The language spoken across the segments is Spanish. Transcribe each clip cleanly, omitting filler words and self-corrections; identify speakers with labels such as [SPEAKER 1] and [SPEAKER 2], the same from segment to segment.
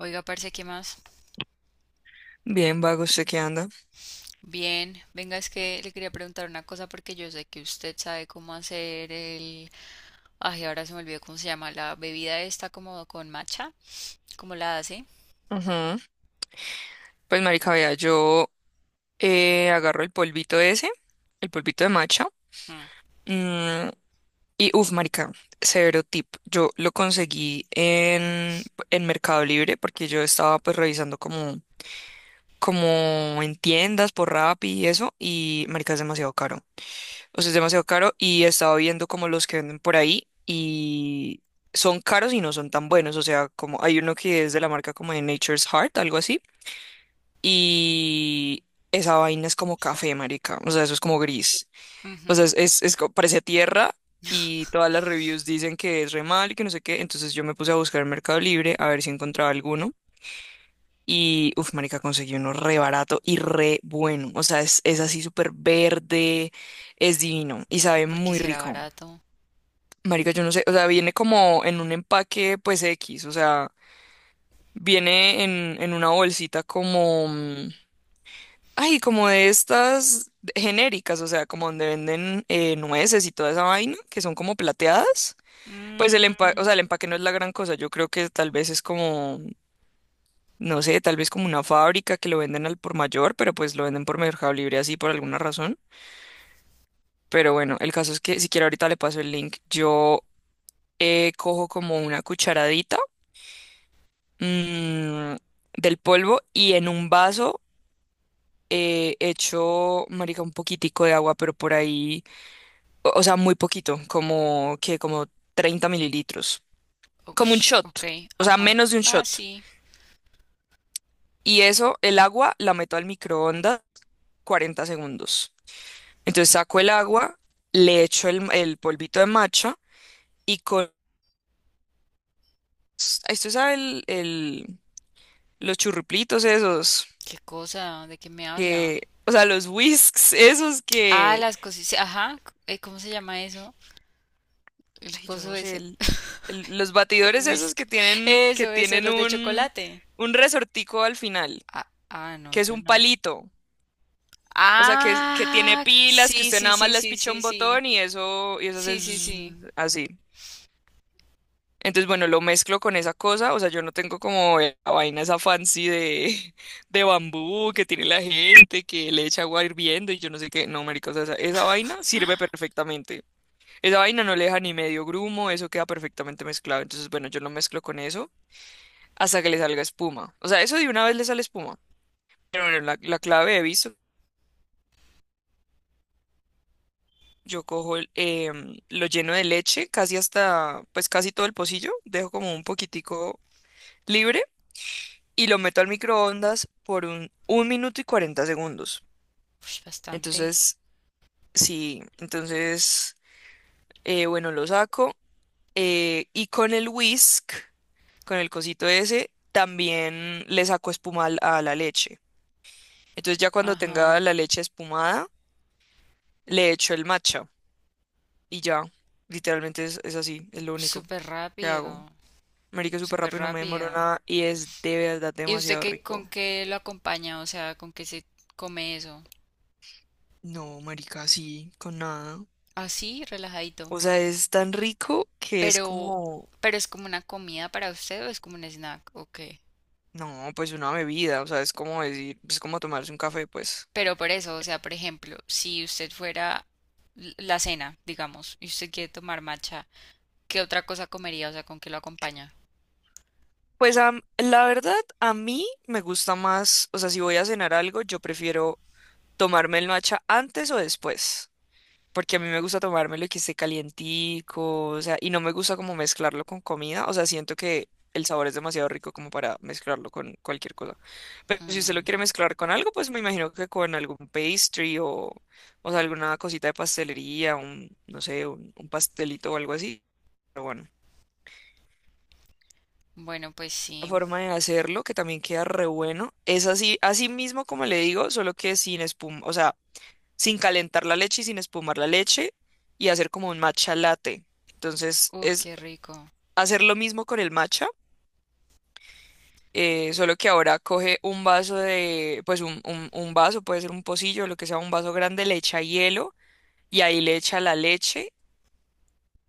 [SPEAKER 1] Oiga, parce, ¿qué más?
[SPEAKER 2] Bien, vago, ¿usted qué anda?
[SPEAKER 1] Bien, venga, es que le quería preguntar una cosa porque yo sé que usted sabe cómo hacer el... Ay, ahora se me olvidó cómo se llama, la bebida esta como con matcha, ¿cómo la hace?
[SPEAKER 2] Ujú. Pues, marica, vea, yo agarro el polvito ese, el polvito de matcha.
[SPEAKER 1] Mm.
[SPEAKER 2] Y uff, marica, severo tip. Yo lo conseguí en Mercado Libre porque yo estaba pues revisando como en tiendas por Rappi y eso. Y marica, es demasiado caro. O sea, es demasiado caro y estaba viendo como los que venden por ahí y son caros y no son tan buenos. O sea, como hay uno que es de la marca como de Nature's Heart, algo así. Y esa vaina es como café, marica. O sea, eso es como gris. O sea,
[SPEAKER 1] Ujú.
[SPEAKER 2] parece tierra y todas las reviews dicen que es re mal y que no sé qué. Entonces yo me puse a buscar en Mercado Libre a ver si encontraba alguno. Y, uff, marica, conseguí uno re barato y re bueno. O sea, es así súper verde, es divino y
[SPEAKER 1] ¿Y
[SPEAKER 2] sabe
[SPEAKER 1] por qué
[SPEAKER 2] muy
[SPEAKER 1] será
[SPEAKER 2] rico.
[SPEAKER 1] barato?
[SPEAKER 2] Marica, yo no sé, o sea, viene como en un empaque, pues X, o sea, viene en una bolsita como, ay, como de estas genéricas, o sea, como donde venden nueces y toda esa vaina, que son como plateadas. Pues el empaque, o
[SPEAKER 1] Mm,
[SPEAKER 2] sea, el empaque no es la gran cosa. Yo creo que tal vez es como, no sé, tal vez como una fábrica que lo venden al por mayor, pero pues lo venden por Mercado Libre así por alguna razón. Pero bueno, el caso es que si quiere ahorita le paso el link. Yo cojo como una cucharadita mm, del polvo y en un vaso echo, marica, un poquitico de agua, pero por ahí, o sea, muy poquito, como que como 30 mililitros, como un
[SPEAKER 1] ush,
[SPEAKER 2] shot,
[SPEAKER 1] ok,
[SPEAKER 2] o sea,
[SPEAKER 1] ajá.
[SPEAKER 2] menos de un
[SPEAKER 1] Ah,
[SPEAKER 2] shot.
[SPEAKER 1] sí.
[SPEAKER 2] Y eso, el agua la meto al microondas 40 segundos. Entonces saco el agua, le echo el, polvito de matcha y con... Esto sabe los churruplitos esos
[SPEAKER 1] ¿Qué cosa? ¿De qué me habla?
[SPEAKER 2] que... O sea, los whisks esos
[SPEAKER 1] Ah,
[SPEAKER 2] que...
[SPEAKER 1] las cosas, sí, ajá, ¿cómo se llama eso? El
[SPEAKER 2] Ay, yo
[SPEAKER 1] coso
[SPEAKER 2] no sé,
[SPEAKER 1] ese,
[SPEAKER 2] los
[SPEAKER 1] el
[SPEAKER 2] batidores esos
[SPEAKER 1] whisk.
[SPEAKER 2] que tienen,
[SPEAKER 1] Eso, los de chocolate.
[SPEAKER 2] un resortico al final,
[SPEAKER 1] Ah, ah, no,
[SPEAKER 2] que es
[SPEAKER 1] tú
[SPEAKER 2] un
[SPEAKER 1] no.
[SPEAKER 2] palito. O sea, que tiene
[SPEAKER 1] Ah,
[SPEAKER 2] pilas, que
[SPEAKER 1] sí,
[SPEAKER 2] usted
[SPEAKER 1] sí,
[SPEAKER 2] nada más
[SPEAKER 1] sí,
[SPEAKER 2] les
[SPEAKER 1] sí,
[SPEAKER 2] picha
[SPEAKER 1] sí,
[SPEAKER 2] un
[SPEAKER 1] sí.
[SPEAKER 2] botón y eso hace
[SPEAKER 1] Sí, sí,
[SPEAKER 2] zzzz,
[SPEAKER 1] sí.
[SPEAKER 2] así. Entonces, bueno, lo mezclo con esa cosa, o sea, yo no tengo como la vaina esa fancy de, de bambú que tiene la gente, que le echa agua hirviendo y yo no sé qué, no, marica, o sea, esa vaina sirve perfectamente. Esa vaina no le deja ni medio grumo, eso queda perfectamente mezclado. Entonces, bueno, yo lo mezclo con eso hasta que le salga espuma. O sea, eso de una vez le sale espuma. Pero bueno, la clave he visto, yo cojo lo lleno de leche, casi hasta, pues casi todo el pocillo, dejo como un poquitico libre y lo meto al microondas por 1 minuto y 40 segundos.
[SPEAKER 1] Ush, bastante.
[SPEAKER 2] Entonces, sí, entonces, bueno, lo saco. Y con el whisk, con el cosito ese, también le saco espuma a la leche. Entonces ya cuando tenga
[SPEAKER 1] Ajá.
[SPEAKER 2] la leche espumada, le echo el matcha y ya, literalmente es así, es lo único
[SPEAKER 1] Súper
[SPEAKER 2] que hago.
[SPEAKER 1] rápido.
[SPEAKER 2] Marica, es súper
[SPEAKER 1] Súper
[SPEAKER 2] rápido, no me demoro
[SPEAKER 1] rápido.
[SPEAKER 2] nada y es de verdad
[SPEAKER 1] ¿Y usted
[SPEAKER 2] demasiado
[SPEAKER 1] qué, con
[SPEAKER 2] rico.
[SPEAKER 1] qué lo acompaña? O sea, ¿con qué se come eso?
[SPEAKER 2] No, marica, sí, con nada.
[SPEAKER 1] Así, relajadito.
[SPEAKER 2] O sea, es tan rico que es
[SPEAKER 1] Pero,
[SPEAKER 2] como,
[SPEAKER 1] pero es como una comida para usted o es como un snack, ¿o qué?
[SPEAKER 2] no, pues una bebida, o sea, es como decir, es como tomarse un café, pues.
[SPEAKER 1] Pero por eso, o sea, por ejemplo, si usted fuera l- la cena, digamos, y usted quiere tomar matcha, ¿qué otra cosa comería? O sea, ¿con qué lo acompaña?
[SPEAKER 2] Pues la verdad, a mí me gusta más, o sea, si voy a cenar algo, yo prefiero tomarme el matcha antes o después, porque a mí me gusta tomármelo y que esté calientico, o sea, y no me gusta como mezclarlo con comida, o sea, siento que el sabor es demasiado rico como para mezclarlo con cualquier cosa. Pero si usted lo
[SPEAKER 1] Mm,
[SPEAKER 2] quiere mezclar con algo, pues me imagino que con algún pastry o sea, alguna cosita de pastelería, no sé, un pastelito o algo así. Pero bueno,
[SPEAKER 1] bueno, pues
[SPEAKER 2] la
[SPEAKER 1] sí.
[SPEAKER 2] forma de hacerlo, que también queda re bueno, es así, así mismo como le digo, solo que sin espuma, o sea, sin calentar la leche y sin espumar la leche y hacer como un matcha latte. Entonces
[SPEAKER 1] Uf,
[SPEAKER 2] es
[SPEAKER 1] qué rico.
[SPEAKER 2] hacer lo mismo con el matcha, solo que ahora coge un vaso de, pues un vaso, puede ser un pocillo, lo que sea, un vaso grande, le echa hielo y ahí le echa la leche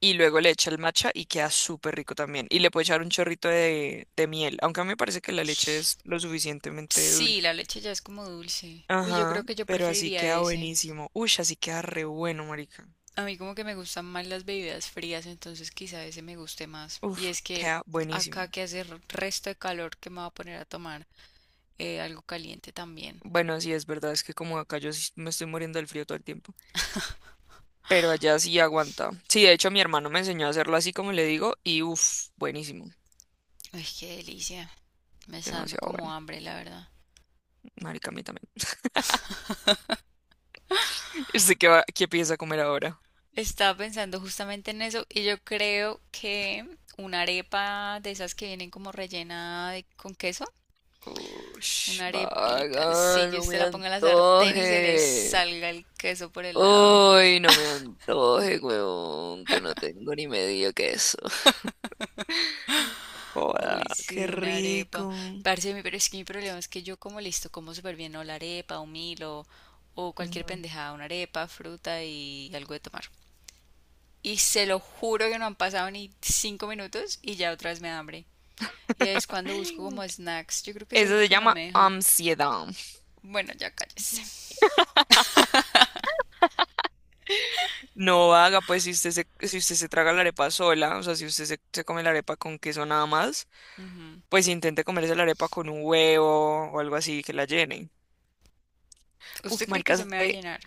[SPEAKER 2] y luego le echa el matcha y queda súper rico también. Y le puede echar un chorrito de miel, aunque a mí me parece que la leche es lo suficientemente
[SPEAKER 1] Sí, la
[SPEAKER 2] dulce.
[SPEAKER 1] leche ya es como dulce. Uy, yo
[SPEAKER 2] Ajá,
[SPEAKER 1] creo que yo
[SPEAKER 2] pero así
[SPEAKER 1] preferiría
[SPEAKER 2] queda
[SPEAKER 1] ese.
[SPEAKER 2] buenísimo. Uy, así queda re bueno, marica.
[SPEAKER 1] A mí como que me gustan más las bebidas frías, entonces quizá ese me guste más. Y
[SPEAKER 2] Uf,
[SPEAKER 1] es que
[SPEAKER 2] queda
[SPEAKER 1] acá
[SPEAKER 2] buenísimo.
[SPEAKER 1] que hace r- resto de calor que me va a poner a tomar algo caliente también.
[SPEAKER 2] Bueno, sí, es verdad, es que como acá yo sí me estoy muriendo del frío todo el tiempo, pero allá sí aguanta. Sí, de hecho mi hermano me enseñó a hacerlo así como le digo y uff, buenísimo,
[SPEAKER 1] Uy, qué delicia. Me está dando
[SPEAKER 2] demasiado
[SPEAKER 1] como
[SPEAKER 2] bueno,
[SPEAKER 1] hambre, la verdad.
[SPEAKER 2] marica, a mí también. ¿Y usted qué piensa comer ahora?
[SPEAKER 1] Estaba pensando justamente en eso y yo creo que una arepa de esas que vienen como rellena de- con queso.
[SPEAKER 2] Ush,
[SPEAKER 1] Una arepita, sí,
[SPEAKER 2] vaga,
[SPEAKER 1] que
[SPEAKER 2] no
[SPEAKER 1] usted
[SPEAKER 2] me
[SPEAKER 1] la ponga en la sartén y se le
[SPEAKER 2] antoje.
[SPEAKER 1] salga el queso por el lado.
[SPEAKER 2] Uy, no me antoje, huevón, que no tengo ni medio queso. Joda,
[SPEAKER 1] Uy,
[SPEAKER 2] qué
[SPEAKER 1] sí, una arepa.
[SPEAKER 2] rico.
[SPEAKER 1] Parce, mi- pero es que mi problema es que yo como listo, como súper bien, o la arepa, un Milo, o cualquier
[SPEAKER 2] Ujú.
[SPEAKER 1] pendejada, una arepa, fruta y algo de tomar. Y se lo juro que no han pasado ni 5 minutos y ya otra vez me da hambre. Y es cuando busco como snacks. Yo creo que eso es
[SPEAKER 2] Eso
[SPEAKER 1] lo
[SPEAKER 2] se
[SPEAKER 1] que no
[SPEAKER 2] llama
[SPEAKER 1] me deja.
[SPEAKER 2] ansiedad.
[SPEAKER 1] Bueno, ya cállese.
[SPEAKER 2] No haga, pues si usted se traga la arepa sola, o sea, si usted se come la arepa con queso nada más, pues intente comerse la arepa con un huevo o algo así que la llenen. Uf,
[SPEAKER 1] ¿Usted cree que
[SPEAKER 2] marica,
[SPEAKER 1] se me va a
[SPEAKER 2] ¿sabe,
[SPEAKER 1] llenar?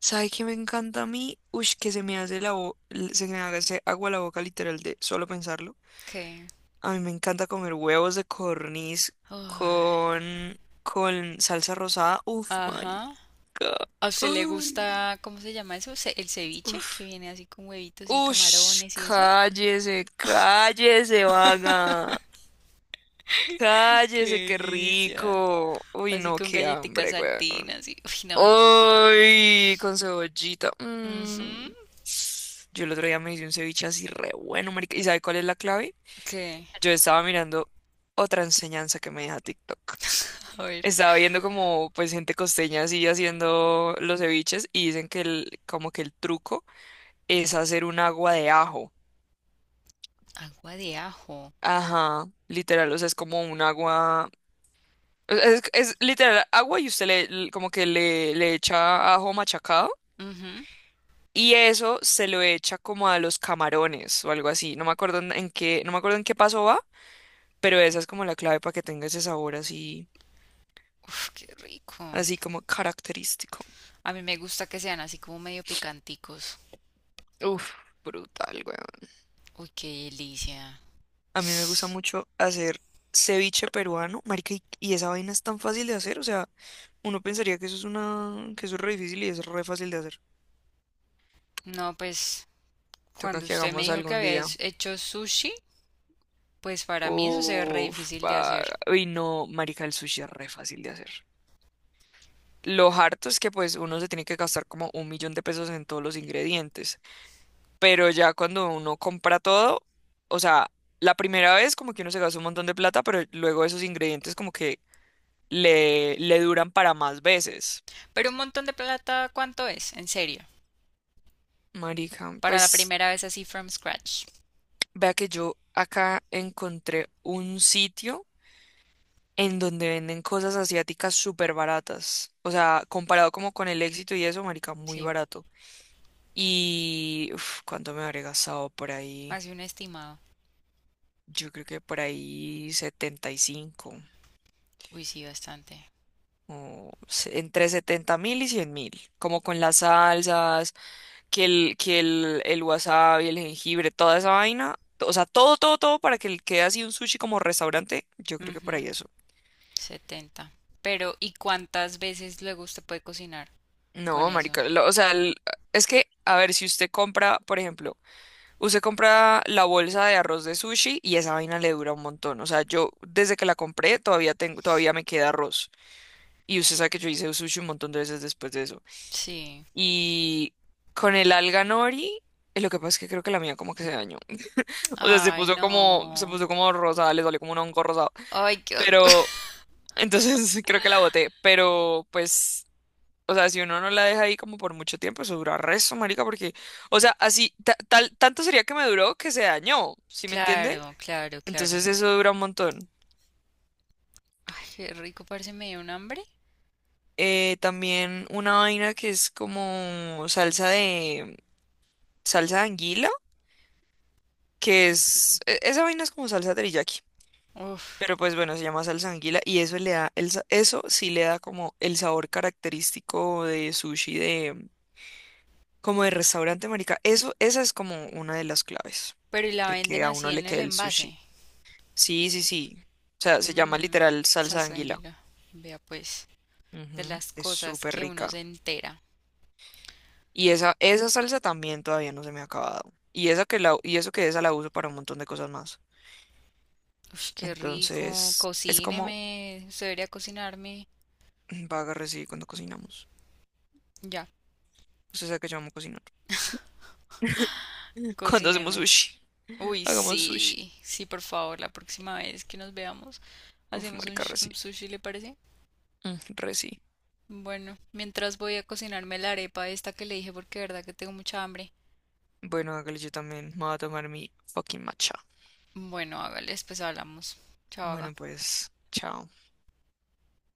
[SPEAKER 2] sabe qué me encanta a mí? Ush, que se me hace se me hace agua la boca literal de solo pensarlo.
[SPEAKER 1] ¿Qué?
[SPEAKER 2] A mí me encanta comer huevos de corniz
[SPEAKER 1] Ay,
[SPEAKER 2] con salsa rosada. Uf,
[SPEAKER 1] ajá.
[SPEAKER 2] marica.
[SPEAKER 1] ¿A usted le
[SPEAKER 2] Ay.
[SPEAKER 1] gusta, cómo se llama eso? Ce- El ceviche, que viene así con huevitos y
[SPEAKER 2] Ush,
[SPEAKER 1] camarones y eso.
[SPEAKER 2] cállese, cállese, vaga.
[SPEAKER 1] ¡Qué
[SPEAKER 2] Cállese, qué
[SPEAKER 1] delicia!
[SPEAKER 2] rico. Uy,
[SPEAKER 1] Así
[SPEAKER 2] no,
[SPEAKER 1] con
[SPEAKER 2] qué
[SPEAKER 1] galletitas
[SPEAKER 2] hambre, güey.
[SPEAKER 1] saltinas y... Uy, no.
[SPEAKER 2] Uy, con cebollita. Mm.
[SPEAKER 1] Ujú.
[SPEAKER 2] Yo el otro día me hice un ceviche así re bueno, marica. ¿Y sabe cuál es la clave?
[SPEAKER 1] ¿Qué?
[SPEAKER 2] Yo estaba mirando otra enseñanza que me deja TikTok.
[SPEAKER 1] A ver.
[SPEAKER 2] Estaba viendo como pues gente costeña así haciendo los ceviches y dicen que como que el truco es hacer un agua de ajo.
[SPEAKER 1] Agua de ajo.
[SPEAKER 2] Ajá, literal, o sea, es como un agua. Es literal agua y usted como que le echa ajo machacado
[SPEAKER 1] Ujú.
[SPEAKER 2] y eso se lo echa como a los camarones o algo así. No me acuerdo en qué, no me acuerdo en qué paso va, pero esa es como la clave para que tenga ese sabor así,
[SPEAKER 1] Uf, qué rico.
[SPEAKER 2] así como característico.
[SPEAKER 1] A mí me gusta que sean así como medio picanticos.
[SPEAKER 2] Uf, brutal, weón.
[SPEAKER 1] Uy, qué delicia.
[SPEAKER 2] A mí me gusta mucho hacer ceviche peruano, marica, y esa vaina es tan fácil de hacer, o sea, uno pensaría que eso es que eso es re difícil y es re fácil de hacer.
[SPEAKER 1] No, pues
[SPEAKER 2] Toca
[SPEAKER 1] cuando
[SPEAKER 2] que
[SPEAKER 1] usted me
[SPEAKER 2] hagamos
[SPEAKER 1] dijo que
[SPEAKER 2] algún día.
[SPEAKER 1] habías hecho sushi, pues para mí eso se ve re
[SPEAKER 2] Uf,
[SPEAKER 1] difícil de hacer.
[SPEAKER 2] uy, no, marica, el sushi es re fácil de hacer. Lo harto es que pues uno se tiene que gastar como un millón de pesos en todos los ingredientes, pero ya cuando uno compra todo, o sea, la primera vez como que uno se gasta un montón de plata, pero luego esos ingredientes como que le duran para más veces.
[SPEAKER 1] Pero un montón de plata, ¿cuánto es? En serio.
[SPEAKER 2] Marica,
[SPEAKER 1] Para la
[SPEAKER 2] pues
[SPEAKER 1] primera vez así from scratch.
[SPEAKER 2] vea que yo acá encontré un sitio, en donde venden cosas asiáticas súper baratas. O sea, comparado como con el éxito y eso, marica, muy
[SPEAKER 1] Sí,
[SPEAKER 2] barato. Y uf, ¿cuánto me habré gastado por ahí?
[SPEAKER 1] así un estimado.
[SPEAKER 2] Yo creo que por ahí 75.
[SPEAKER 1] Uy, sí, bastante.
[SPEAKER 2] Entre 70.000 y 100.000, como con las salsas, el wasabi, el jengibre, toda esa vaina, o sea, todo, todo, todo para que quede así un sushi como restaurante, yo creo que por
[SPEAKER 1] Ujú,
[SPEAKER 2] ahí eso.
[SPEAKER 1] 70. Pero, ¿y cuántas veces luego usted puede cocinar con
[SPEAKER 2] No,
[SPEAKER 1] eso?
[SPEAKER 2] marica, o sea, es que, a ver, si usted compra, por ejemplo. Usted compra la bolsa de arroz de sushi y esa vaina le dura un montón. O sea, yo desde que la compré todavía tengo, todavía me queda arroz. Y usted sabe que yo hice sushi un montón de veces después de eso.
[SPEAKER 1] Sí.
[SPEAKER 2] Y con el alga nori, lo que pasa es que creo que la mía como que se dañó. O sea, se
[SPEAKER 1] Ay,
[SPEAKER 2] puso como, se
[SPEAKER 1] no.
[SPEAKER 2] puso como rosada, le salió como un hongo rosado.
[SPEAKER 1] Ay, qué...
[SPEAKER 2] Pero, entonces creo que la boté. Pero, pues, o sea, si uno no la deja ahí como por mucho tiempo, eso dura resto, marica, porque, o sea, así, tanto sería que me duró que se dañó, ¿sí me entiende?
[SPEAKER 1] Claro, claro, claro.
[SPEAKER 2] Entonces eso dura un montón.
[SPEAKER 1] Ay, qué rico, parece me dio un hambre.
[SPEAKER 2] También una vaina que es como salsa de anguila, que es esa vaina es como salsa teriyaki,
[SPEAKER 1] Uf.
[SPEAKER 2] pero pues bueno, se llama salsa de anguila y eso le da eso sí le da como el sabor característico de sushi de como de restaurante, marica. Eso esa es como una de las claves
[SPEAKER 1] Pero y la
[SPEAKER 2] de
[SPEAKER 1] venden
[SPEAKER 2] que a
[SPEAKER 1] así
[SPEAKER 2] uno le
[SPEAKER 1] en el
[SPEAKER 2] quede el sushi.
[SPEAKER 1] envase.
[SPEAKER 2] Sí, sí, sí. O sea, se llama
[SPEAKER 1] Mmm,
[SPEAKER 2] literal salsa de anguila.
[SPEAKER 1] sanguíneo. Vea pues, de
[SPEAKER 2] Ujú.
[SPEAKER 1] las
[SPEAKER 2] Es
[SPEAKER 1] cosas
[SPEAKER 2] súper
[SPEAKER 1] que uno
[SPEAKER 2] rica.
[SPEAKER 1] se entera.
[SPEAKER 2] Y esa salsa también todavía no se me ha acabado. Y eso que esa la uso para un montón de cosas más.
[SPEAKER 1] Ush, qué rico.
[SPEAKER 2] Entonces, es como
[SPEAKER 1] Cocíneme. Usted debería cocinarme.
[SPEAKER 2] vaga recibe cuando cocinamos.
[SPEAKER 1] Ya,
[SPEAKER 2] Usted sabe que yo amo cocinar. Cuando hacemos
[SPEAKER 1] cocíneme.
[SPEAKER 2] sushi,
[SPEAKER 1] Uy,
[SPEAKER 2] hagamos sushi.
[SPEAKER 1] sí. Sí, por favor, la próxima vez que nos veamos,
[SPEAKER 2] Uf,
[SPEAKER 1] hacemos un,
[SPEAKER 2] marica,
[SPEAKER 1] sh-
[SPEAKER 2] reci.
[SPEAKER 1] un sushi, ¿le parece?
[SPEAKER 2] Mm, Reci.
[SPEAKER 1] Bueno, mientras voy a cocinarme la arepa esta que le dije porque de verdad que tengo mucha hambre.
[SPEAKER 2] Bueno, hágale yo también. Me voy a tomar mi fucking matcha.
[SPEAKER 1] Bueno, hágale, después hablamos. Chao, haga.
[SPEAKER 2] Bueno, pues, chao.